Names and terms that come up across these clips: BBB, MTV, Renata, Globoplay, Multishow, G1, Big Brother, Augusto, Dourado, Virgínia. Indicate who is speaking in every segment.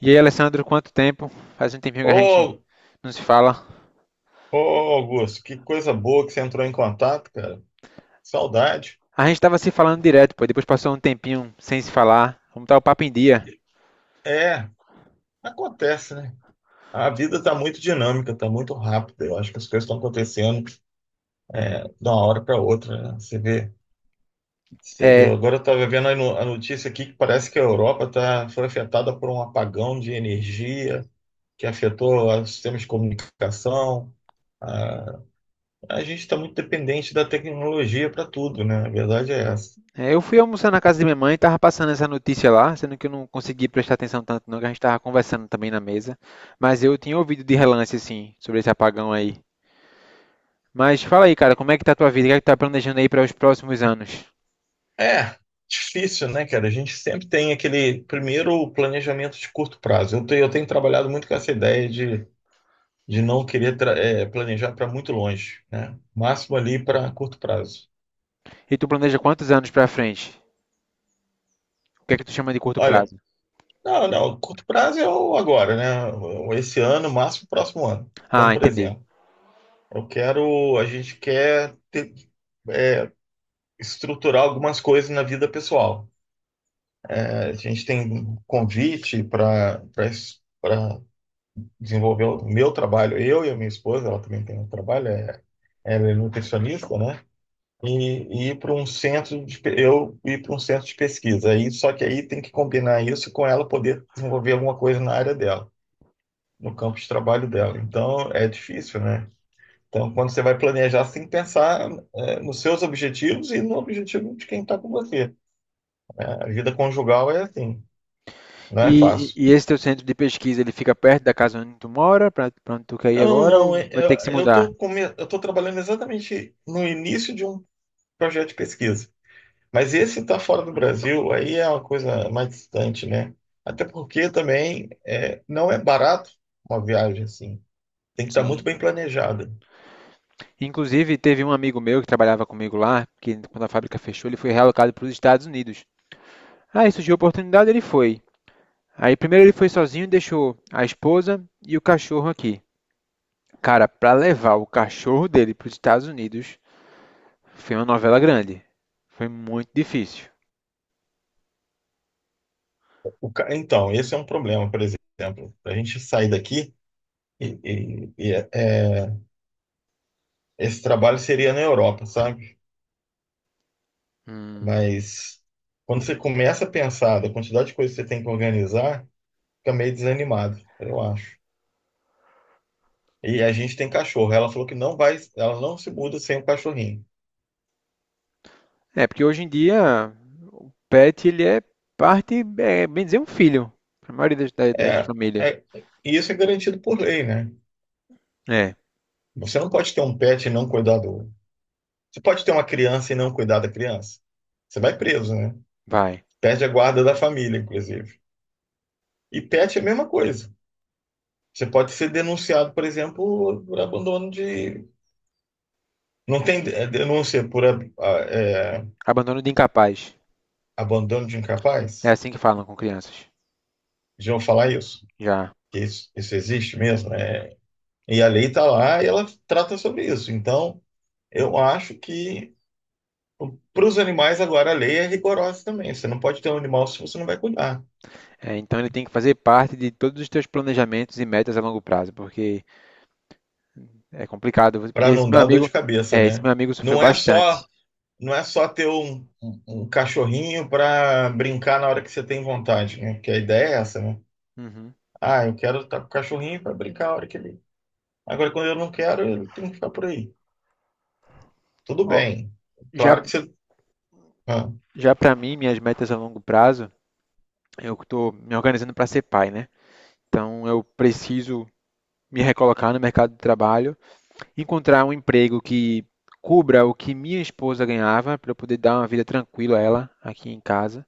Speaker 1: E aí, Alessandro, quanto tempo? Faz um tempinho que a gente
Speaker 2: Ô,
Speaker 1: não se fala.
Speaker 2: Augusto, que coisa boa que você entrou em contato, cara. Saudade.
Speaker 1: A gente tava se falando direto, pô. Depois passou um tempinho sem se falar. Vamos estar o papo em dia.
Speaker 2: É, acontece, né? A vida tá muito dinâmica, tá muito rápida. Eu acho que as coisas estão acontecendo de uma hora para outra, né? Você vê.
Speaker 1: É,
Speaker 2: Agora eu tava vendo a a notícia aqui que parece que a Europa tá, foi afetada por um apagão de energia que afetou os sistemas de comunicação. A, a gente está muito dependente da tecnologia para tudo, né? A verdade é essa.
Speaker 1: é, eu fui almoçar na casa de minha mãe, tava passando essa notícia lá, sendo que eu não consegui prestar atenção tanto, não, que a gente tava conversando também na mesa. Mas eu tinha ouvido de relance, assim, sobre esse apagão aí. Mas fala aí, cara, como é que tá a tua vida? O que é que tu tá planejando aí para os próximos anos?
Speaker 2: É, difícil, né, cara? A gente sempre tem aquele primeiro planejamento de curto prazo. Eu tenho trabalhado muito com essa ideia de não querer planejar para muito longe, né? Máximo ali para curto prazo.
Speaker 1: E tu planeja quantos anos pra frente? O que é que tu chama de curto
Speaker 2: Olha,
Speaker 1: prazo?
Speaker 2: não, não, curto prazo é o agora, né? Esse ano, máximo próximo ano. Então,
Speaker 1: Ah,
Speaker 2: por
Speaker 1: entendi.
Speaker 2: exemplo, eu quero, a gente estruturar algumas coisas na vida pessoal. É, a gente tem um convite para desenvolveu o meu trabalho, eu e a minha esposa, ela também tem um trabalho, é, ela é nutricionista, né? E ir para um centro eu ir para um centro de pesquisa. Aí, só que aí tem que combinar isso com ela poder desenvolver alguma coisa na área dela, no campo de trabalho dela. Então é difícil, né? Então, quando você vai planejar, você tem que pensar nos seus objetivos e no objetivo de quem está com você. A vida conjugal é assim, não é
Speaker 1: E,
Speaker 2: fácil.
Speaker 1: e esse teu centro de pesquisa, ele fica perto da casa onde tu mora, pra, pra onde tu quer ir
Speaker 2: Não,
Speaker 1: agora,
Speaker 2: não,
Speaker 1: ou
Speaker 2: é-
Speaker 1: vai ter que se
Speaker 2: eu
Speaker 1: mudar?
Speaker 2: estou eu tô trabalhando exatamente no início de um projeto de pesquisa. Mas esse está fora do Brasil, aí é uma coisa mais distante, né? Até porque também não é barato uma viagem assim. Tem que estar
Speaker 1: Sim.
Speaker 2: muito bem planejada.
Speaker 1: Inclusive, teve um amigo meu que trabalhava comigo lá, que quando a fábrica fechou, ele foi realocado para os Estados Unidos. Aí surgiu a oportunidade, ele foi. Aí primeiro ele foi sozinho e deixou a esposa e o cachorro aqui. Cara, pra levar o cachorro dele para os Estados Unidos, foi uma novela grande. Foi muito difícil.
Speaker 2: Então, esse é um problema, por exemplo. A gente sair daqui e esse trabalho seria na Europa, sabe?
Speaker 1: Hum,
Speaker 2: Mas quando você começa a pensar da quantidade de coisas que você tem que organizar, fica meio desanimado, eu acho. E a gente tem cachorro. Ela falou que não vai, ela não se muda sem o cachorrinho.
Speaker 1: É, porque hoje em dia o pet ele é parte, é bem dizer, um filho, para a maioria das
Speaker 2: É,
Speaker 1: famílias.
Speaker 2: é, e isso é garantido por lei, né?
Speaker 1: É,
Speaker 2: Você não pode ter um pet e não cuidar do. Você pode ter uma criança e não cuidar da criança. Você vai preso, né?
Speaker 1: vai.
Speaker 2: Perde a guarda da família, inclusive. E pet é a mesma coisa. Você pode ser denunciado, por exemplo, por abandono de. Não tem denúncia por é,
Speaker 1: Abandono de incapaz.
Speaker 2: abandono de
Speaker 1: É
Speaker 2: incapaz?
Speaker 1: assim que falam com crianças.
Speaker 2: Já vou falar isso.
Speaker 1: Já.
Speaker 2: Que isso existe mesmo, né? E a lei está lá e ela trata sobre isso. Então, eu acho que para os animais, agora a lei é rigorosa também. Você não pode ter um animal se você não vai cuidar,
Speaker 1: É, então ele tem que fazer parte de todos os teus planejamentos e metas a longo prazo, porque é complicado. Porque
Speaker 2: para
Speaker 1: esse
Speaker 2: não
Speaker 1: meu
Speaker 2: dar dor
Speaker 1: amigo,
Speaker 2: de cabeça,
Speaker 1: é, esse
Speaker 2: né?
Speaker 1: meu amigo sofreu
Speaker 2: Não é só,
Speaker 1: bastante.
Speaker 2: não é só ter um cachorrinho para brincar na hora que você tem vontade, né? Porque a ideia é essa, né?
Speaker 1: Uhum.
Speaker 2: Ah, eu quero estar com o cachorrinho para brincar a hora que ele. Agora, quando eu não quero, ele tem que ficar por aí. Tudo
Speaker 1: Ó,
Speaker 2: bem.
Speaker 1: já,
Speaker 2: Claro que você. Ah,
Speaker 1: já para mim, minhas metas a longo prazo, eu estou me organizando para ser pai, né? Então eu preciso me recolocar no mercado de trabalho. Encontrar um emprego que cubra o que minha esposa ganhava, para eu poder dar uma vida tranquila a ela aqui em casa.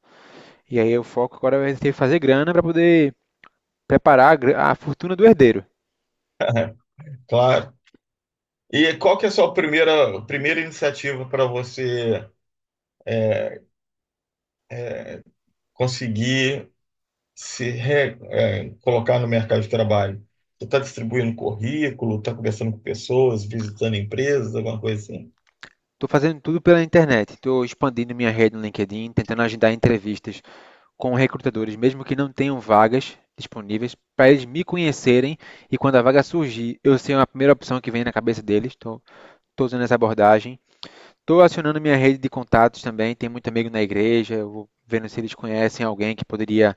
Speaker 1: E aí o foco agora vai ser fazer grana para poder preparar a fortuna do herdeiro.
Speaker 2: claro. E qual que é a sua primeira iniciativa para você conseguir se re- é, colocar no mercado de trabalho? Você está distribuindo currículo, está conversando com pessoas, visitando empresas, alguma coisa assim?
Speaker 1: Estou fazendo tudo pela internet, estou expandindo minha rede no LinkedIn, tentando agendar entrevistas com recrutadores, mesmo que não tenham vagas disponíveis, para eles me conhecerem e quando a vaga surgir, eu ser a primeira opção que vem na cabeça deles. Estou usando essa abordagem. Estou acionando minha rede de contatos também, tem muito amigo na igreja, eu vou vendo se eles conhecem alguém que poderia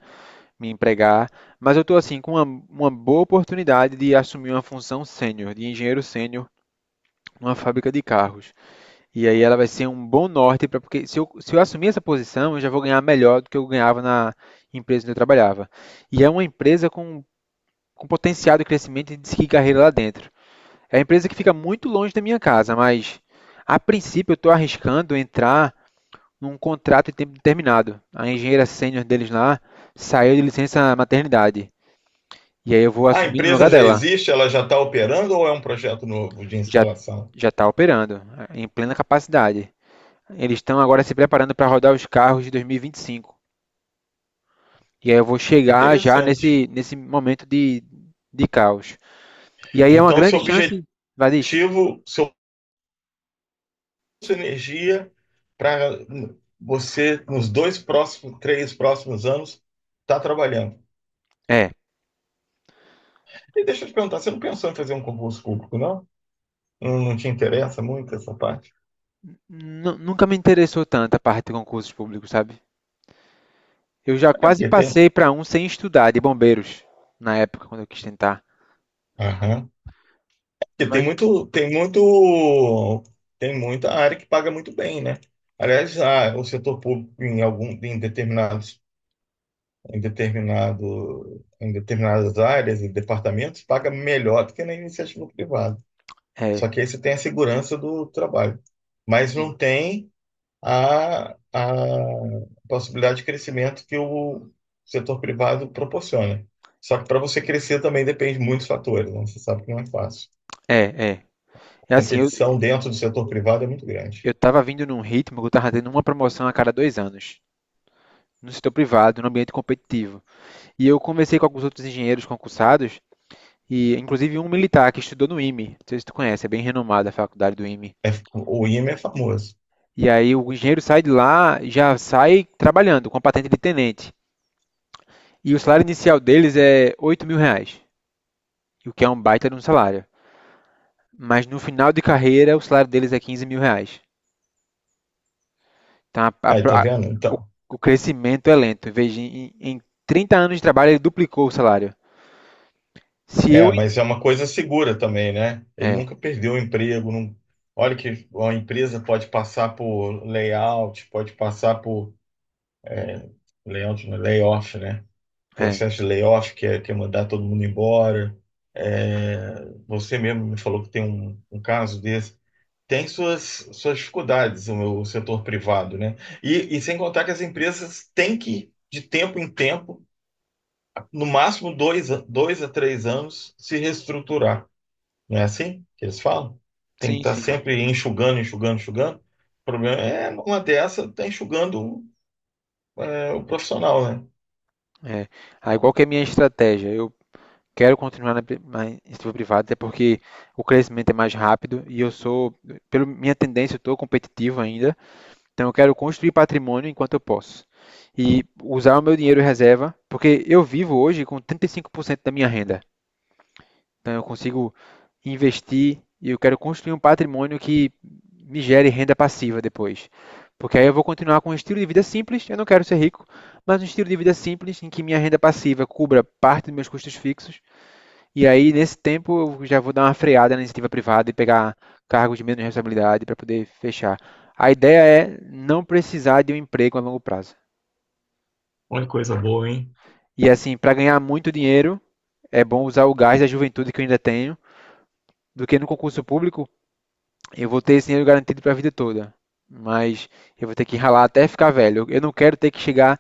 Speaker 1: me empregar, mas eu estou assim com uma boa oportunidade de assumir uma função sênior, de engenheiro sênior numa fábrica de carros. E aí ela vai ser um bom norte para porque se eu assumir essa posição, eu já vou ganhar melhor do que eu ganhava na empresa onde eu trabalhava. E é uma empresa com potencial de crescimento e de seguir carreira lá dentro. É uma empresa que fica muito longe da minha casa, mas a princípio eu estou arriscando entrar num contrato de tempo determinado. A engenheira sênior deles lá saiu de licença maternidade. E aí eu vou
Speaker 2: A
Speaker 1: assumir no
Speaker 2: empresa
Speaker 1: lugar
Speaker 2: já
Speaker 1: dela.
Speaker 2: existe, ela já está operando ou é um projeto novo de
Speaker 1: Já
Speaker 2: instalação?
Speaker 1: já está operando em plena capacidade. Eles estão agora se preparando para rodar os carros de 2025. E 25. E aí eu vou chegar já
Speaker 2: Interessante.
Speaker 1: nesse momento de caos. E aí é uma
Speaker 2: Então,
Speaker 1: grande
Speaker 2: seu
Speaker 1: chance,
Speaker 2: objetivo,
Speaker 1: Vadis?
Speaker 2: seu, sua energia para você, nos dois próximos, três próximos anos, está trabalhando.
Speaker 1: É.
Speaker 2: E deixa eu te perguntar, você não pensou em fazer um concurso público, não? Não te interessa muito essa parte?
Speaker 1: Nunca me interessou tanto a parte de concursos públicos, sabe? Eu já
Speaker 2: É
Speaker 1: quase
Speaker 2: porque tem.
Speaker 1: passei para um sem estudar, de bombeiros, na época, quando eu quis tentar.
Speaker 2: Aham. Porque
Speaker 1: Mas,
Speaker 2: tem muita área que paga muito bem, né? Aliás, o setor público em algum, em determinados, em determinado, em determinadas áreas e departamentos paga melhor do que na iniciativa privada.
Speaker 1: é.
Speaker 2: Só que aí você tem a segurança do trabalho, mas
Speaker 1: Sim.
Speaker 2: não tem a possibilidade de crescimento que o setor privado proporciona. Só que para você crescer também depende de muitos fatores, né? Você sabe que não é fácil.
Speaker 1: É, é. É assim, eu,
Speaker 2: Competição dentro do setor privado é muito grande.
Speaker 1: eu tava vindo num ritmo que eu tava tendo uma promoção a cada 2 anos, no setor privado, no ambiente competitivo. E eu conversei com alguns outros engenheiros concursados, e inclusive um militar que estudou no IME, não sei se tu conhece, é bem renomada a faculdade do IME.
Speaker 2: É, o IME é famoso.
Speaker 1: E aí o engenheiro sai de lá, já sai trabalhando com a patente de tenente. E o salário inicial deles é R$ 8.000, o que é um baita de um salário. Mas no final de carreira, o salário deles é R$ 15.000. Tá?
Speaker 2: Aí, tá vendo?
Speaker 1: O,
Speaker 2: Então.
Speaker 1: o crescimento é lento. Em 30 anos de trabalho, ele duplicou o salário. Se eu.
Speaker 2: É, mas é uma coisa segura também, né? Ele
Speaker 1: É,
Speaker 2: nunca perdeu o emprego. Não. Olha que uma empresa pode passar por layout, pode passar por layout, não, layoff, né?
Speaker 1: é.
Speaker 2: Processo de layoff, que é mandar todo mundo embora. É, você mesmo me falou que tem um caso desse. Tem suas dificuldades, o setor privado, né? E sem contar que as empresas têm que, de tempo em tempo, no máximo dois a três anos, se reestruturar. Não é assim que eles falam? Tem que
Speaker 1: Sim,
Speaker 2: estar
Speaker 1: sim.
Speaker 2: sempre enxugando. O problema é, uma dessa, está enxugando o profissional, né?
Speaker 1: É. Aí qual que é a minha estratégia? Eu quero continuar na iniciativa privada, até porque o crescimento é mais rápido e eu sou, pela minha tendência, eu estou competitivo ainda. Então eu quero construir patrimônio enquanto eu posso. E usar o meu dinheiro em reserva, porque eu vivo hoje com 35% da minha renda. Então eu consigo investir e eu quero construir um patrimônio que me gere renda passiva depois. Porque aí eu vou continuar com um estilo de vida simples, eu não quero ser rico, mas um estilo de vida simples em que minha renda passiva cubra parte dos meus custos fixos. E aí, nesse tempo, eu já vou dar uma freada na iniciativa privada e pegar cargos de menos responsabilidade para poder fechar. A ideia é não precisar de um emprego a longo prazo.
Speaker 2: Olha que coisa boa, hein?
Speaker 1: E assim, para ganhar muito dinheiro, é bom usar o gás da juventude que eu ainda tenho, do que no concurso público eu vou ter esse dinheiro garantido para a vida toda, mas eu vou ter que ralar até ficar velho. Eu não quero ter que chegar,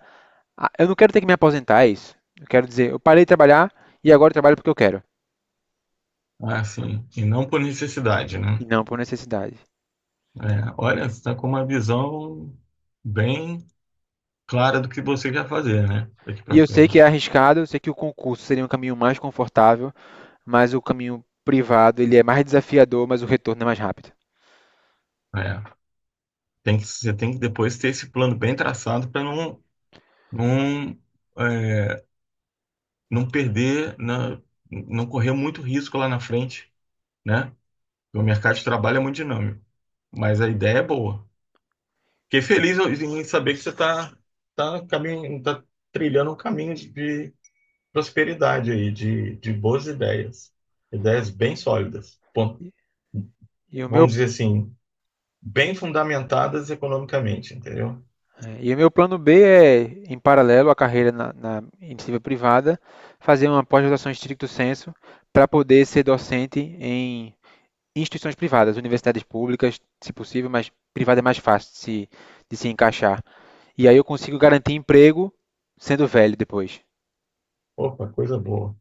Speaker 1: eu não quero ter que me aposentar, é isso. Eu quero dizer, eu parei de trabalhar e agora eu trabalho porque eu quero,
Speaker 2: Ah, sim. E não por necessidade,
Speaker 1: e
Speaker 2: né?
Speaker 1: não por necessidade.
Speaker 2: É, olha, você está com uma visão bem clara do que você quer fazer, né? Daqui
Speaker 1: E
Speaker 2: para
Speaker 1: eu sei que é
Speaker 2: frente.
Speaker 1: arriscado, eu sei que o concurso seria um caminho mais confortável, mas o caminho privado, ele é mais desafiador, mas o retorno é mais rápido.
Speaker 2: É, tem que, você tem que depois ter esse plano bem traçado para não, é, não perder, não correr muito risco lá na frente, né? O mercado de trabalho é muito dinâmico, mas a ideia é boa. Fiquei feliz em saber que você está tá tá caminho, tá trilhando um caminho de prosperidade aí, de boas ideias, ideias bem sólidas, bom,
Speaker 1: E o meu,
Speaker 2: vamos dizer assim, bem fundamentadas economicamente, entendeu?
Speaker 1: e o meu plano B é, em paralelo à carreira na iniciativa privada, fazer uma pós-graduação em stricto sensu para poder ser docente em instituições privadas, universidades públicas, se possível, mas privada é mais fácil de se, encaixar. E aí eu consigo garantir emprego sendo velho depois.
Speaker 2: Opa, coisa boa.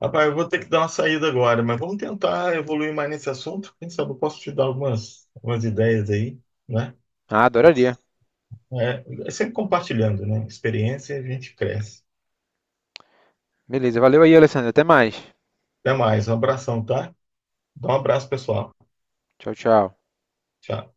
Speaker 2: Rapaz, eu vou ter que dar uma saída agora, mas vamos tentar evoluir mais nesse assunto. Quem sabe eu posso te dar algumas ideias aí, né?
Speaker 1: Ah, adoraria.
Speaker 2: É, é sempre compartilhando, né? Experiência e a gente cresce.
Speaker 1: Beleza, valeu aí, Alessandro. Até mais.
Speaker 2: Até mais, um abração, tá? Dá um abraço, pessoal.
Speaker 1: Tchau, tchau.
Speaker 2: Tchau.